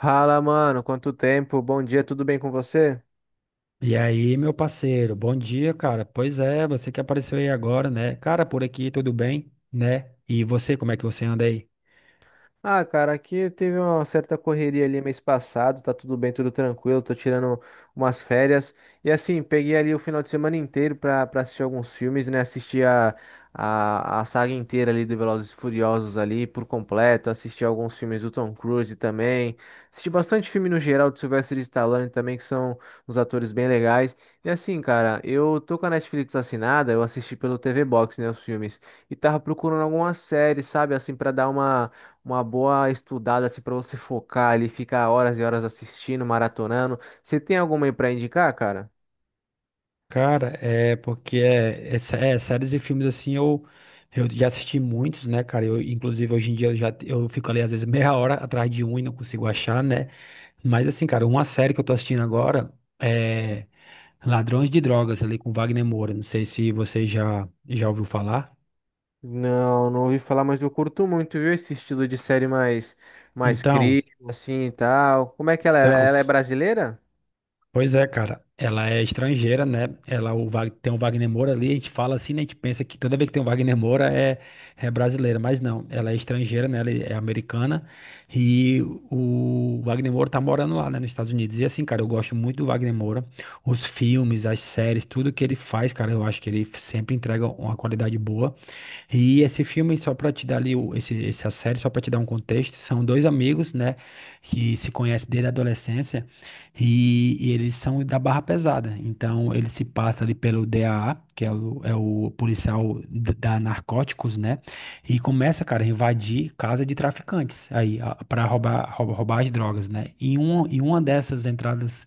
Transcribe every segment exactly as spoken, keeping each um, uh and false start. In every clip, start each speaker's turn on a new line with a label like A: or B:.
A: Fala, mano, quanto tempo? Bom dia, tudo bem com você?
B: E aí, meu parceiro, bom dia, cara. Pois é, você que apareceu aí agora, né? Cara, por aqui tudo bem, né? E você, como é que você anda aí?
A: Ah, cara, aqui teve uma certa correria ali mês passado, tá tudo bem, tudo tranquilo, tô tirando umas férias. E assim, peguei ali o final de semana inteiro pra, pra assistir alguns filmes, né? Assisti a, a, a saga inteira ali do Velozes e Furiosos ali por completo, assisti alguns filmes do Tom Cruise também. Assisti bastante filme no geral do Sylvester Stallone também, que são uns atores bem legais. E assim, cara, eu tô com a Netflix assinada, eu assisti pelo T V Box, né, os filmes. E tava procurando alguma série, sabe, assim, pra dar uma uma boa estudada assim para você focar ali, ficar horas e horas assistindo, maratonando. Você tem alguma aí para indicar, cara?
B: Cara, é porque é, é sé- é, séries e filmes assim, eu, eu já assisti muitos, né, cara? Eu, inclusive, hoje em dia eu já eu fico ali às vezes meia hora atrás de um e não consigo achar, né? Mas assim, cara, uma série que eu tô assistindo agora é Ladrões de Drogas, ali com Wagner Moura. Não sei se você já, já ouviu falar.
A: Não, não ouvi falar, mas eu curto muito, viu, esse estilo de série mais mais
B: Então,
A: crítico assim e tal. Como é que ela é? Ela
B: então.
A: ela é brasileira?
B: Pois é, cara. Ela é estrangeira, né? Ela o Wag- tem um Wagner Moura ali. A gente fala assim, né? A gente pensa que toda vez que tem um Wagner Moura é, é brasileira, mas não. Ela é estrangeira, né? Ela é americana. E o Wagner Moura tá morando lá, né? Nos Estados Unidos. E assim, cara, eu gosto muito do Wagner Moura. Os filmes, as séries, tudo que ele faz, cara, eu acho que ele sempre entrega uma qualidade boa. E esse filme, só para te dar ali, o- esse, essa série, só para te dar um contexto, são dois amigos, né, que se conhecem desde a adolescência e, e eles são da barra pesada. Então, ele se passa ali pelo D A A, que é o, é o policial d- da Narcóticos, né, e começa, cara, a invadir casa de traficantes aí para roubar, roubar, roubar as drogas, né. E um, em uma dessas entradas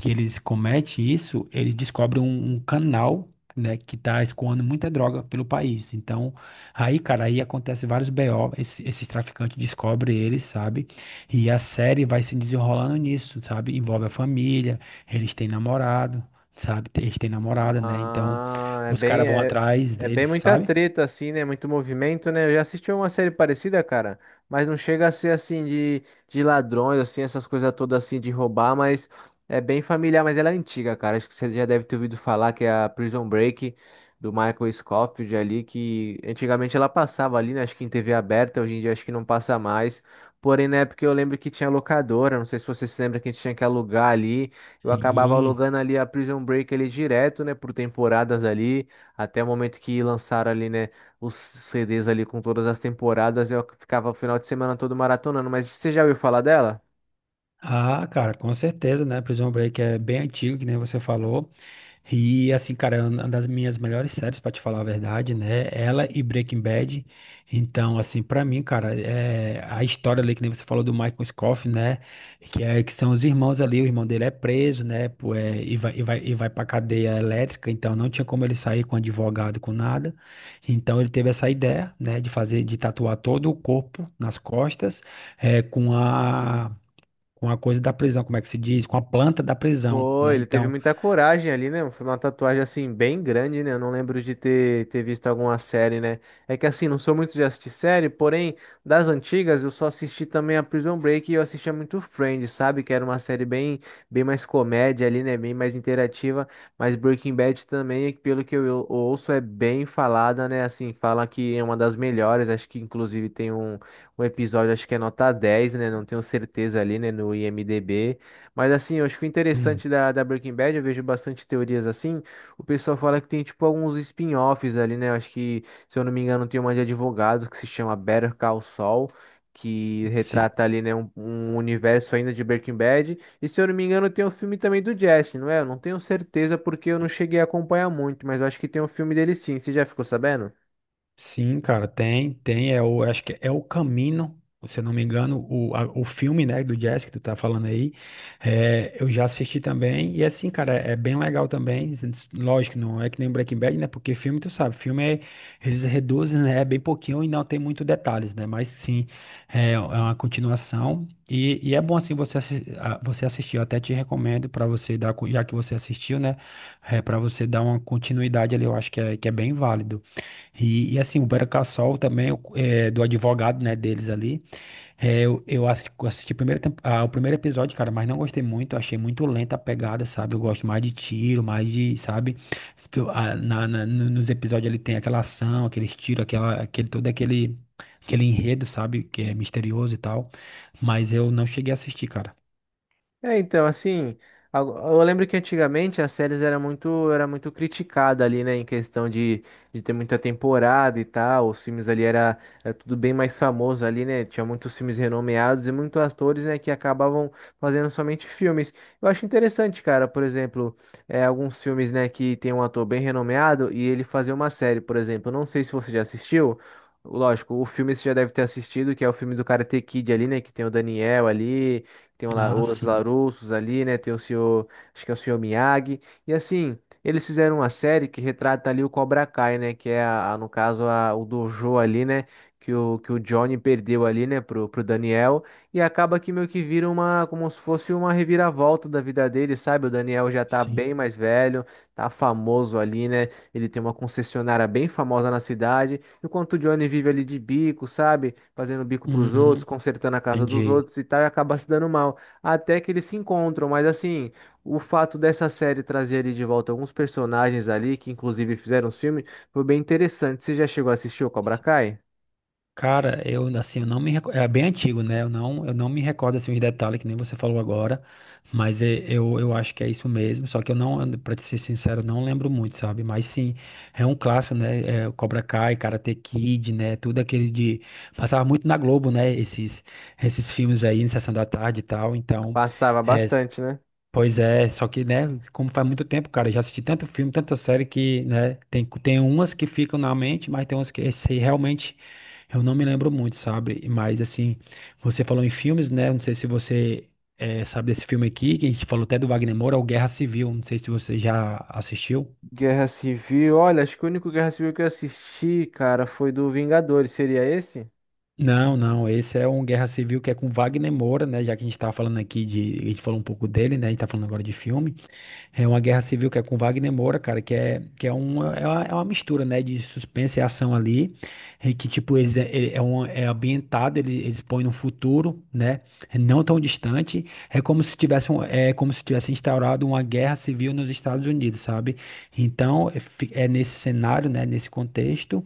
B: que eles cometem isso, eles descobrem um, um canal, né, que tá escoando muita droga pelo país. Então, aí, cara, aí acontece vários B O, esse- esses traficantes descobrem eles, sabe? E a série vai se desenrolando nisso, sabe? Envolve a família, eles têm namorado, sabe? Eles têm namorada, né? Então,
A: Ah, é
B: os caras
A: bem,
B: vão
A: é,
B: atrás
A: é bem
B: deles,
A: muita
B: sabe?
A: treta, assim, né? Muito movimento, né? Eu já assisti uma série parecida, cara, mas não chega a ser assim de, de ladrões, assim, essas coisas todas assim de roubar, mas é bem familiar, mas ela é antiga, cara. Acho que você já deve ter ouvido falar que é a Prison Break do Michael Scofield ali, que antigamente ela passava ali, né? Acho que em T V aberta, hoje em dia acho que não passa mais. Porém, na época eu lembro que tinha locadora, não sei se você se lembra que a gente tinha que alugar ali. Eu acabava
B: Sim.
A: alugando ali a Prison Break ali direto, né, por temporadas ali, até o momento que lançaram ali, né, os C Ds ali com todas as temporadas, eu ficava o final de semana todo maratonando, mas você já ouviu falar dela?
B: Ah, cara, com certeza, né? Prison Break é bem antigo, que nem você falou. E assim, cara, é uma das minhas melhores séries, pra te falar a verdade, né? Ela e Breaking Bad. Então, assim, pra mim, cara, é a história ali que nem você falou do Michael Scofield, né? Que é que são os irmãos ali, o irmão dele é preso, né? Pô, é, e vai e vai e vai para cadeia elétrica, então não tinha como ele sair com advogado, com nada. Então ele teve essa ideia, né, de fazer de tatuar todo o corpo nas costas, é, com a com a coisa da prisão, como é que se diz? Com a planta da prisão,
A: Foi,
B: né?
A: ele teve
B: Então,
A: muita coragem ali, né? Foi uma tatuagem assim bem grande, né? Eu não lembro de ter, ter visto alguma série, né? É que assim, não sou muito de assistir série, porém, das antigas eu só assisti também a Prison Break e eu assistia muito Friends, sabe? Que era uma série bem, bem mais comédia ali, né? Bem mais interativa. Mas Breaking Bad também, pelo que eu eu ouço, é bem falada, né? Assim, fala que é uma das melhores. Acho que inclusive tem um, um episódio, acho que é nota dez né? Não tenho certeza ali, né? No IMDb. Mas assim, eu acho que o
B: sim.
A: interessante da, da Breaking Bad, eu vejo bastante teorias assim. O pessoal fala que tem tipo alguns spin-offs ali, né? Eu acho que, se eu não me engano, tem uma de advogado que se chama Better Call Saul, que
B: Sim.
A: retrata ali, né, um, um universo ainda de Breaking Bad. E se eu não me engano, tem um filme também do Jesse, não é? Eu não tenho certeza porque eu não cheguei a acompanhar muito, mas eu acho que tem um filme dele sim. Você já ficou sabendo?
B: Sim, cara, tem, tem, é o, acho que é o Camino, se eu não me engano, o, a- o filme, né, do Jazz que tu tá falando aí, é, eu já assisti também, e assim, cara, é, é bem legal também, lógico, não é que nem Breaking Bad, né, porque filme, tu sabe, filme é, eles reduzem, né, é bem pouquinho e não tem muito detalhes, né, mas sim, é, é uma continuação, e, e é bom, assim, você, assi- a- você assistir, eu até te recomendo pra você dar, co- já que você assistiu, né, é, para você dar uma continuidade ali, eu acho que é, que é bem válido. E, e, assim, o Better Call Saul também, é o- é, do advogado, né, deles ali, é, eu, eu assi- assisti, primeiro tempo- ah, o primeiro episódio, cara, mas não gostei muito, achei muito lenta a pegada, sabe? Eu gosto mais de tiro, mais de, sabe? Que eu- ah, na, na- no- nos episódios ele tem aquela ação, aqueles tiros, aquela, aquele, todo aquele, aquele enredo, sabe? Que é misterioso e tal, mas eu não cheguei a assistir, cara.
A: É, então, assim, ago- eu lembro que antigamente as séries era muito, era muito criticada ali, né, em questão de, de ter muita temporada e tal, os filmes ali era, era tudo bem mais famoso ali, né, tinha muitos filmes renomeados e muitos atores, né, que acabavam fazendo somente filmes. Eu acho interessante, cara, por exemplo, é, alguns filmes, né, que tem um ator bem renomeado e ele fazer uma série, por exemplo, não sei se você já assistiu. Lógico, o filme você já deve ter assistido, que é o filme do Karate Kid ali, né? Que tem o Daniel ali. Tem o La-
B: Ah,
A: os
B: sim,
A: Larusos ali, né? Tem o senhor, acho que é o senhor Miyagi. E assim, eles fizeram uma série que retrata ali o Cobra Kai, né? Que é, a, a- no caso, a, o dojo ali, né? Que o, que o Johnny perdeu ali, né? Pro, pro Daniel. E acaba que meio que vira uma, como se fosse uma reviravolta da vida dele, sabe? O Daniel já tá
B: sim.
A: bem mais velho, tá famoso ali, né? Ele tem uma concessionária bem famosa na cidade. Enquanto o Johnny vive ali de bico, sabe? Fazendo bico pros outros,
B: Uhum,
A: consertando a casa dos
B: entendi.
A: outros e tal, e acaba se dando mal. Até que eles se encontram, mas assim, o fato dessa série trazer ali de volta alguns personagens ali, que inclusive fizeram os filmes, foi bem interessante. Você já chegou a assistir o Cobra Kai?
B: Cara, eu assim, eu não me recordo, é bem antigo, né? Eu não, eu não me recordo assim os detalhes que nem você falou agora, mas é- eu, eu acho que é isso mesmo, só que eu não, pra te ser sincero, eu não lembro muito, sabe? Mas sim, é um clássico, né? É, Cobra Kai, Karate Kid, né? Tudo aquele de passava muito na Globo, né? Esses esses filmes aí, na Sessão da Tarde e tal. Então,
A: Passava
B: é,
A: bastante, né?
B: pois é, só que, né, como faz muito tempo, cara, eu já assisti tanto filme, tanta série que, né, tem, tem umas que ficam na mente, mas tem umas que esse, realmente eu não me lembro muito, sabe? Mas, assim, você falou em filmes, né, não sei se você eh, sabe desse filme aqui, que a gente falou até do Wagner Moura, é o Guerra Civil, não sei se você já assistiu.
A: Guerra Civil, olha, acho que o único Guerra Civil que eu assisti, cara, foi do Vingadores. Seria esse?
B: Não, não, esse é um Guerra Civil que é com Wagner Moura, né, já que a gente tá falando aqui de, a gente falou um pouco dele, né, a gente tá falando agora de filme. É uma guerra civil que é com Wagner Moura, cara, que é, que é, uma, é uma, é uma mistura, né, de suspense e ação ali, e que, tipo, eles é, ele- é, um, é ambientado, ele, eles põem no futuro, né, não tão distante, é como se tivesse, um- é como se tivesse instaurado uma guerra civil nos Estados Unidos, sabe? Então, é, fi- é nesse cenário, né, nesse contexto,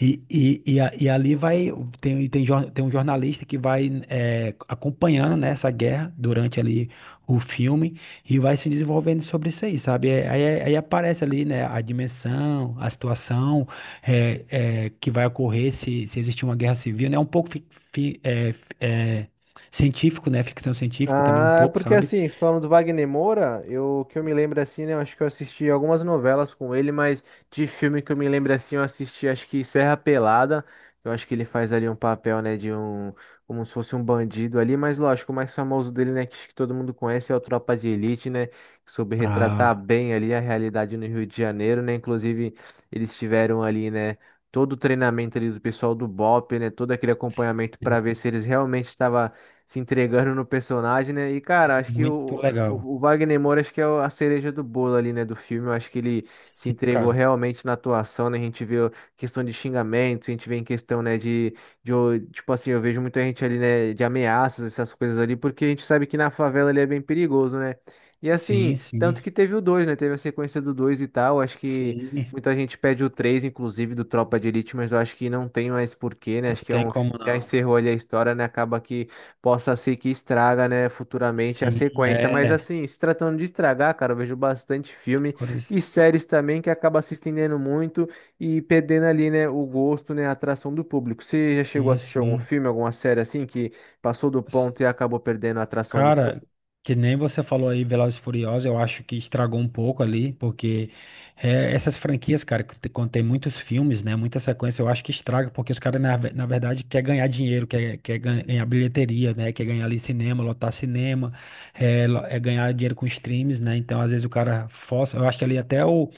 B: e, e, e, a- e ali vai, tem, tem, jor- tem um jornalista que vai é, acompanhando, né, essa guerra durante ali o filme, e vai se desenvolvendo sobre isso aí, sabe? É, Aí, aí aparece ali, né, a dimensão, a situação é, é, que vai ocorrer se, se existir uma guerra civil, né? É um pouco fi- fi- é, fi- é, científico, né? Ficção científica também um
A: Ah, é
B: pouco,
A: porque
B: sabe?
A: assim, falando do Wagner Moura, eu que eu me lembro assim, né? Eu acho que eu assisti algumas novelas com ele, mas de filme que eu me lembro assim, eu assisti acho que Serra Pelada. Eu acho que ele faz ali um papel, né, de um, como se fosse um bandido ali, mas lógico, o mais famoso dele, né, que acho que todo mundo conhece é o Tropa de Elite, né, que soube retratar
B: Ah,
A: bem ali a realidade no Rio de Janeiro, né? Inclusive, eles tiveram ali, né, todo o treinamento ali do pessoal do BOPE, né, todo aquele acompanhamento para ver se eles realmente estavam se entregando no personagem, né? E,
B: é
A: cara, acho que
B: muito
A: o,
B: legal.
A: o, o Wagner Moura, acho que é o- a cereja do bolo ali, né, do filme. Eu acho que ele se
B: Sim,
A: entregou
B: cara.
A: realmente na atuação, né? A gente vê questão de xingamento, a gente vê em questão, né, de, de, o- tipo assim, eu vejo muita gente ali, né, de ameaças, essas coisas ali, porque a gente sabe que na favela ali é bem perigoso, né? E assim,
B: Sim, sim,
A: tanto que teve o dois, né? Teve a sequência do dois e tal. Acho que
B: sim.
A: muita gente pede o três, inclusive, do Tropa de Elite, mas eu acho que não tem mais porquê, né?
B: Não
A: Acho que é
B: tem
A: um.
B: como
A: Já
B: não.
A: encerrou ali a história, né? Acaba que possa ser que estraga, né, futuramente a
B: Sim,
A: sequência. Mas
B: é.
A: assim, se tratando de estragar, cara, eu vejo bastante filme
B: Por isso.
A: e séries também que acaba se estendendo muito e perdendo ali, né, o gosto, né, a atração do público. Você já chegou a
B: Sim,
A: assistir algum
B: sim.
A: filme, alguma série assim que passou do ponto e acabou perdendo a atração do
B: Cara,
A: público?
B: que nem você falou aí, Velozes e Furiosos, eu acho que estragou um pouco ali, porque é, essas franquias, cara, que te- quando tem muitos filmes, né, muita sequência, eu acho que estraga, porque os caras, na, ve- na verdade, quer ganhar dinheiro, quer, quer gan- ganhar bilheteria, né, quer ganhar ali cinema, lotar cinema, é, lo- é ganhar dinheiro com streams, né, então às vezes o cara força, eu acho que ali até o,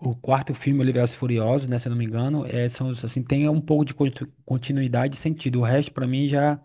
B: o quarto filme, Velozes e Furiosos, né, se eu não me engano, é, são, os, assim, tem um pouco de conti- continuidade e sentido. O resto, para mim, já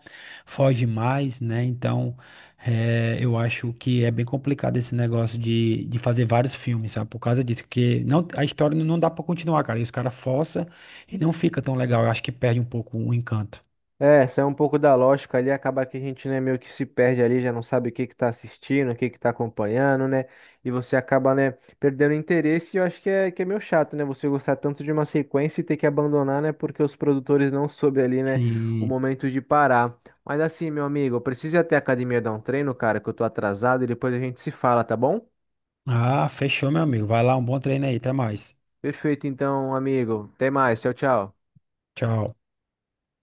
B: foge mais, né? Então, é, eu acho que é bem complicado esse negócio de, de fazer vários filmes, sabe? Por causa disso, porque não, a história não dá para continuar, cara. E os caras forçam e não fica tão legal. Eu acho que perde um pouco o encanto.
A: É, sai um pouco da lógica ali, acaba que a gente, né, meio que se perde ali, já não sabe o que que tá assistindo, o que que tá acompanhando, né? E você acaba, né, perdendo interesse e eu acho que é, que é meio chato, né? Você gostar tanto de uma sequência e ter que abandonar, né? Porque os produtores não soube ali, né, o
B: Sim.
A: momento de parar. Mas assim, meu amigo, eu preciso ir até a academia dar um treino, cara, que eu tô atrasado e depois a gente se fala, tá bom?
B: Ah, fechou, meu amigo. Vai lá, um bom treino aí. Até mais.
A: Perfeito, então, amigo. Até mais. Tchau, tchau.
B: Tchau.